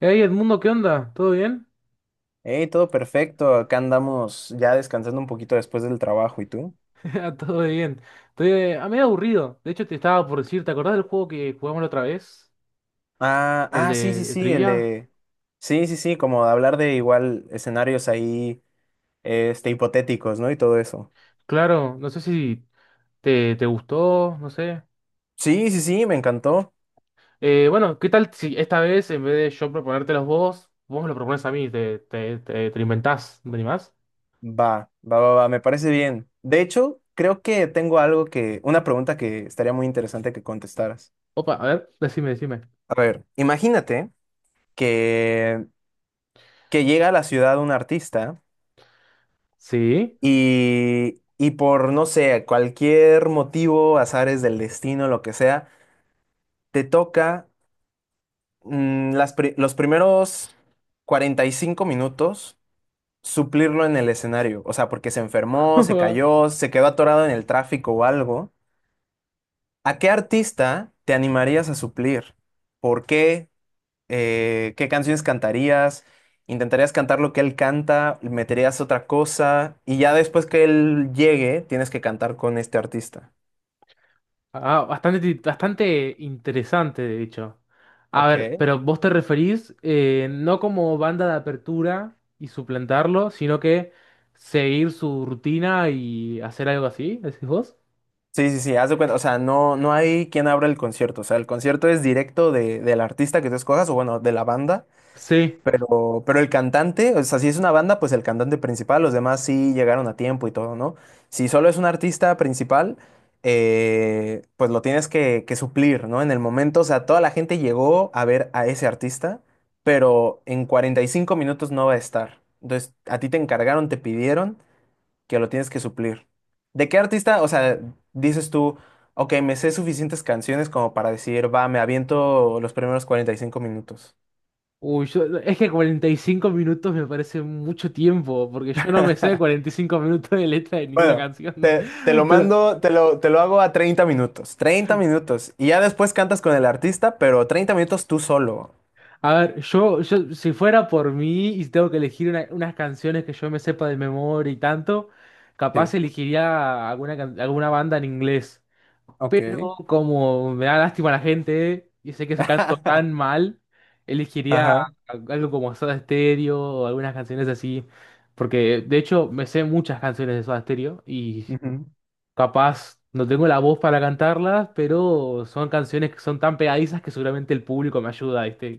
Hey Edmundo, ¿qué onda? ¿Todo bien? Hey, todo perfecto. Acá andamos ya descansando un poquito después del trabajo. ¿Y tú? Ah, todo bien. Estoy a medio aburrido. De hecho, te estaba por decir, ¿te acordás del juego que jugamos la otra vez? Ah, ¿El ah, sí, de, sí, de sí, el trivia? de... Sí, sí, sí, como de hablar de igual escenarios ahí, este, hipotéticos, ¿no? Y todo eso. Claro, no sé si te gustó, no sé. Sí, sí, sí, me encantó. Bueno, ¿qué tal si esta vez, en vez de yo proponértelos vos, vos me lo propones a mí? Te lo inventás, ¿no te animás? Va, va, va, va, me parece bien. De hecho, creo que tengo una pregunta que estaría muy interesante que contestaras. Opa, a ver, decime, decime. A ver, imagínate que, que llega a la ciudad un artista. ¿Sí? Y por, no sé, cualquier motivo, azares del destino, lo que sea, te toca los primeros 45 minutos suplirlo en el escenario. O sea, porque se enfermó, se cayó, se quedó atorado en el tráfico o algo. ¿A qué artista te animarías a suplir? ¿Por qué? ¿Qué canciones cantarías? Intentarías cantar lo que él canta, meterías otra cosa y ya después que él llegue, tienes que cantar con este artista. Ah, bastante, bastante interesante, de hecho. A ver, Ok. pero vos te referís no como banda de apertura y suplantarlo, sino que seguir su rutina y hacer algo así, decís vos. Sí, sí, sí, haz de cuenta, o sea, no, no hay quien abra el concierto, o sea, el concierto es directo del artista que tú escojas, o bueno, de la banda, Sí. pero el cantante, o sea, si es una banda, pues el cantante principal, los demás sí llegaron a tiempo y todo, ¿no? Si solo es un artista principal, pues lo tienes que suplir, ¿no? En el momento, o sea, toda la gente llegó a ver a ese artista, pero en 45 minutos no va a estar. Entonces, a ti te encargaron, te pidieron que lo tienes que suplir. ¿De qué artista? O sea, dices tú, ok, me sé suficientes canciones como para decir, va, me aviento los primeros 45 minutos. Uy, es que 45 minutos me parece mucho tiempo, porque yo no me sé 45 minutos de letra de ninguna Bueno, canción. te lo Pero mando, te lo hago a 30 minutos. 30 minutos. Y ya después cantas con el artista, pero 30 minutos tú solo. a ver, yo, si fuera por mí y si tengo que elegir unas canciones que yo me sepa de memoria y tanto, Sí, capaz elegiría alguna, alguna banda en inglés. Pero ok. como me da lástima la gente y sé que se canto tan mal, elegiría Ajá. algo como Soda Stereo o algunas canciones así. Porque de hecho me sé muchas canciones de Soda Stereo y Ujú. capaz no tengo la voz para cantarlas, pero son canciones que son tan pegadizas que seguramente el público me ayuda, ¿viste?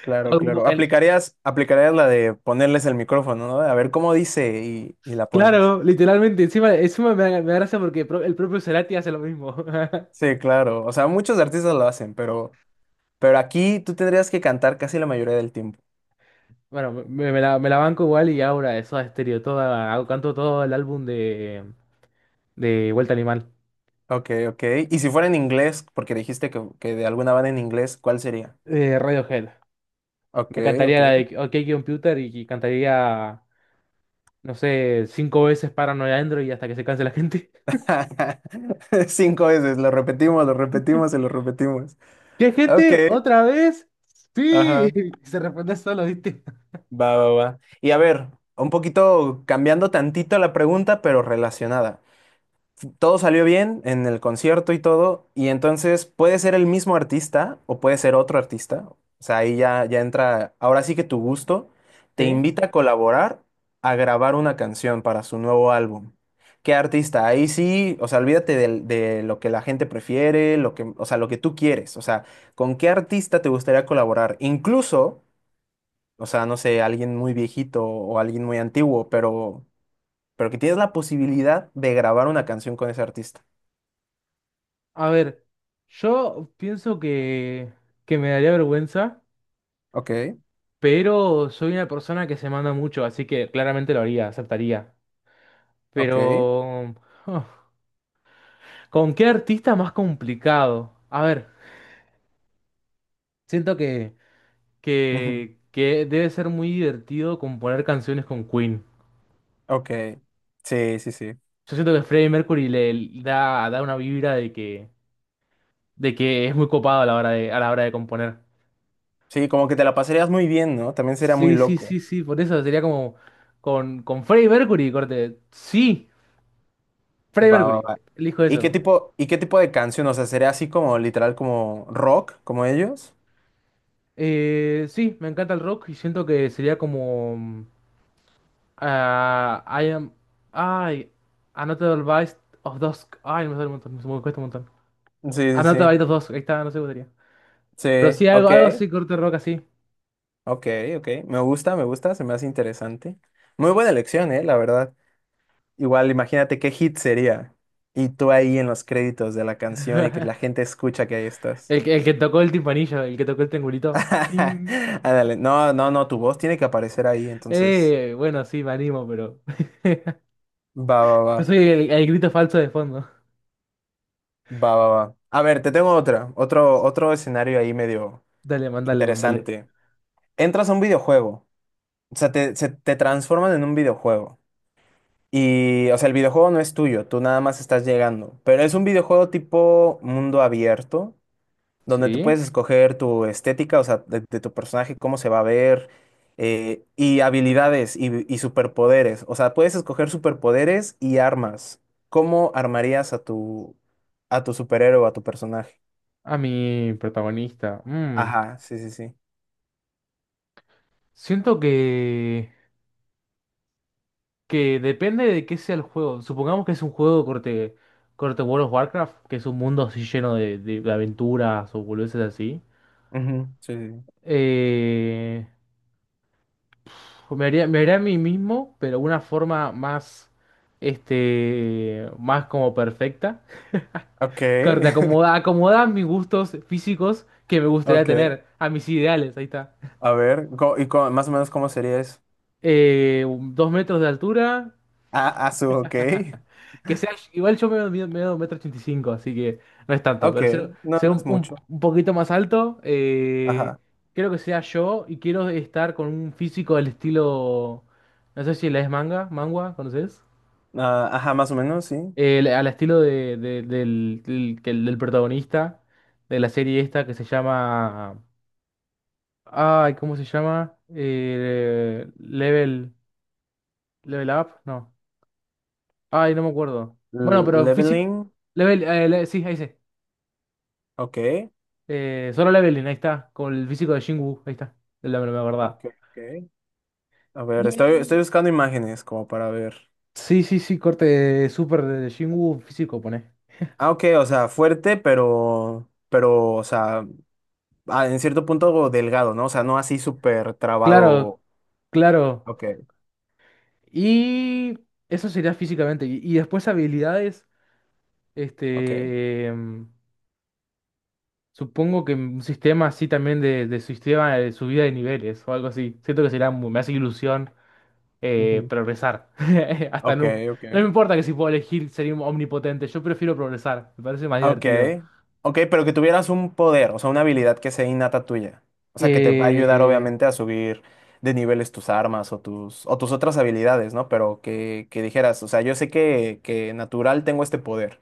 Claro, Alguno- claro. el- Aplicarías la de ponerles el micrófono, ¿no? A ver cómo dice y la pones. Claro, literalmente, encima, encima me da gracia porque el propio Cerati hace lo mismo. Sí, claro. O sea, muchos artistas lo hacen, pero aquí tú tendrías que cantar casi la mayoría del tiempo. Bueno, me la banco igual y ahora eso a estéreo, toda, canto todo el álbum de Vuelta Animal, Ok, ok. Y si fuera en inglés, porque dijiste que de alguna banda en inglés, ¿cuál sería? de Radiohead. Ok, Me ok. cantaría la de OK Computer y cantaría, no sé, 5 veces Paranoid Android hasta que se canse la gente. Cinco veces, lo repetimos y lo repetimos. ¿Qué Ok, gente? ¿Otra vez? Sí, ajá. se responde solo, ¿viste? Va, va, va. Y a ver, un poquito cambiando tantito la pregunta, pero relacionada. Todo salió bien en el concierto y todo, y entonces puede ser el mismo artista o puede ser otro artista. O sea, ahí ya entra, ahora sí que tu gusto te Sí. invita a colaborar a grabar una canción para su nuevo álbum. ¿Qué artista? Ahí sí, o sea, olvídate de lo que la gente prefiere, lo que, o sea, lo que tú quieres. O sea, ¿con qué artista te gustaría colaborar? Incluso, o sea, no sé, alguien muy viejito o alguien muy antiguo, pero que tienes la posibilidad de grabar una canción con ese artista. A ver, yo pienso que me daría vergüenza. Ok, Pero soy una persona que se manda mucho, así que claramente lo haría, aceptaría. ok, Pero... oh, ¿con qué artista más complicado? A ver, siento ujú, que debe ser muy divertido componer canciones con Queen. ok. Sí, sí, sí. Yo siento que Freddie Mercury da una vibra de que es muy copado a la hora a la hora de componer. Sí, como que te la pasarías muy bien, ¿no? También sería muy Sí, sí, loco. sí, sí, por eso sería como con Freddie Mercury, corte. Sí, Freddie Va, va, Mercury, va. elijo ¿Y qué eso. tipo, y qué tipo de canción? O sea, ¿sería así como literal como rock, como ellos? Sí, me encanta el rock y siento que sería como. I am. Ay, Another Bite of Dusk. Ay, me sale un montón, me cuesta un montón. Sí, sí, Another sí. Bite of Dusk, ahí está, no sé cómo sería. Sí, Pero sí, algo, ok, algo así, corte rock así. ok, ok. Me gusta, se me hace interesante. Muy buena elección, ¿eh? La verdad. Igual, imagínate qué hit sería. Y tú ahí en los créditos de la canción y que la gente escucha que ahí estás. El que tocó el timpanillo, el que tocó el triangulito. Ting. Ándale, no, no, no, tu voz tiene que aparecer ahí, entonces. Bueno, sí, me animo, pero. Va, va, va. Yo soy el grito falso de fondo. Va, va, va. A ver, te tengo otro escenario ahí medio Dale, mandale, mandale. interesante. Entras a un videojuego, o sea, te transforman en un videojuego. Y, o sea, el videojuego no es tuyo, tú nada más estás llegando. Pero es un videojuego tipo mundo abierto, donde tú puedes ¿Sí? escoger tu estética, o sea, de tu personaje, cómo se va a ver, y habilidades y superpoderes. O sea, puedes escoger superpoderes y armas. ¿Cómo armarías a tu superhéroe o a tu personaje? A mi protagonista. Ajá, sí, sí, sí. Siento que depende de qué sea el juego. Supongamos que es un juego corte, corte World of Warcraft, que es un mundo así lleno de, de aventuras o boludeces así. Ujú, sí, sí, sí. Eh, me haría a mí mismo, pero una forma más, este, más como perfecta. Ok, Corte, acomoda a mis gustos físicos que me gustaría ok. tener, a mis ideales, ahí está. A ver, ¿y más o menos cómo sería eso? Eh, 2 metros de altura. Ah, ok. Que sea, igual yo me mido, mido 1,85 metros, así que no es tanto, Ok, pero ser, no, ser no es mucho. un poquito más alto. Ajá. Quiero que sea yo y quiero estar con un físico del estilo, no sé si la es manga, mangua, ¿conoces? Ah, ajá, más o menos, sí. Al estilo del protagonista de la serie esta que se llama, ay, ¿cómo se llama? Level, Level Up, no, ay, no me acuerdo. Bueno, pero físico, Leveling, Level, sí, ahí sí. ok. Solo Leveling, ahí está. Con el físico de Jin-Woo, ahí está. Es la, la verdad. Ok, ok. A ver, estoy, Y- estoy buscando imágenes como para ver. Sí, sí, sí, corte súper de Jin-Woo físico, pone. Ah, ok, o sea, fuerte, pero, o sea, en cierto punto delgado, ¿no? O sea, no así súper Claro, trabado. claro. Ok, Y eso sería físicamente. Y después habilidades, ok. este, em, supongo que un sistema así también de sistema de subida de niveles o algo así. Siento que sería, me hace ilusión Ujú. progresar. Hasta Ok, no. ok. No me importa que si puedo elegir ser omnipotente, yo prefiero progresar. Me parece más Ok. divertido. Ok, pero que tuvieras un poder, o sea, una habilidad que sea innata tuya. O sea, que te va a ayudar, Eh, obviamente, a subir de niveles tus armas o tus otras habilidades, ¿no? Pero que dijeras, o sea, yo sé que natural tengo este poder.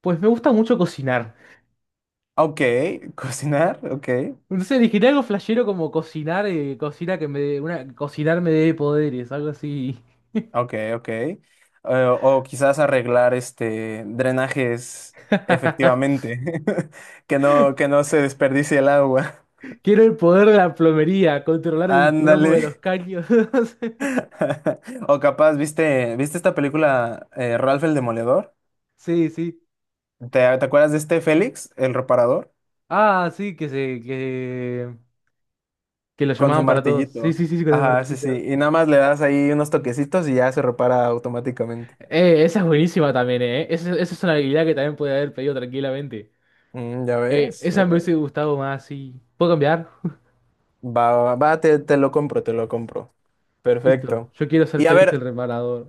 pues me gusta mucho cocinar. Ok, cocinar, ok. Entonces elegiré algo flashero como cocinar, cocina que me dé, una, cocinar me dé poderes, algo así. Ok, ok. O quizás arreglar este drenajes efectivamente, que no se desperdicie el agua. Quiero el poder de la plomería, controlar el plomo de los Ándale. caños. O capaz, ¿viste esta película Ralph el Demoledor? Sí, sí. ¿Te, te acuerdas de este Félix, el reparador? Ah, sí, que lo Con su llamaban para todos. Sí, martillito. sí, sí, sí, con el Ajá, sí, martillito. sí. Y nada más le das ahí unos toquecitos y ya se repara automáticamente. Esa es buenísima también, eh. Esa es una habilidad que también puede haber pedido tranquilamente. Ya ves, Esa ya me ves. hubiese gustado más, sí. ¿Puedo cambiar? Va, va, va, te lo compro, te lo compro. Listo. Perfecto. Yo quiero ser Y a Félix el ver, reparador.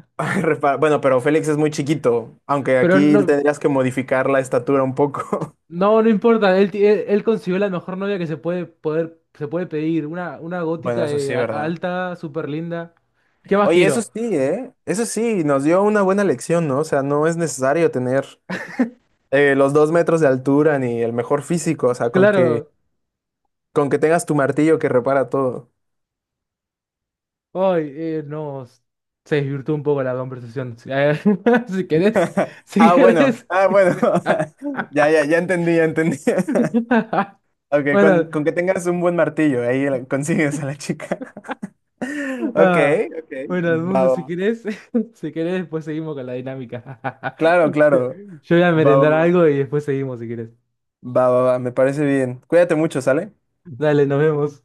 Ay, bueno, pero Félix es muy chiquito, aunque Pero aquí tendrías que modificar la estatura un poco. No importa. Él, él consiguió la mejor novia que se puede poder, se puede pedir. Una gótica Bueno, eso de sí, ¿verdad? alta, súper linda. ¿Qué más Oye, eso quiero? sí, ¿eh? Eso sí, nos dio una buena lección, ¿no? O sea, no es necesario tener los 2 metros de altura ni el mejor físico, o sea, con que, Claro. con que tengas tu martillo que repara todo. Hoy no. Se desvirtuó un poco la conversación. Si si querés, si Ah, bueno, querés. ah, bueno. Ya, ya, ya entendí, ya entendí. Ok, con, Bueno, con que tengas un buen martillo, ahí consigues a la chica. Ok, ah, ok. bueno, Va, Edmundo, si va. querés, si querés, después seguimos con la dinámica. Claro, Yo claro. yo voy a Va, va, merendar va. algo y después seguimos si querés. Va, va, va, me parece bien. Cuídate mucho, ¿sale? Dale, nos vemos.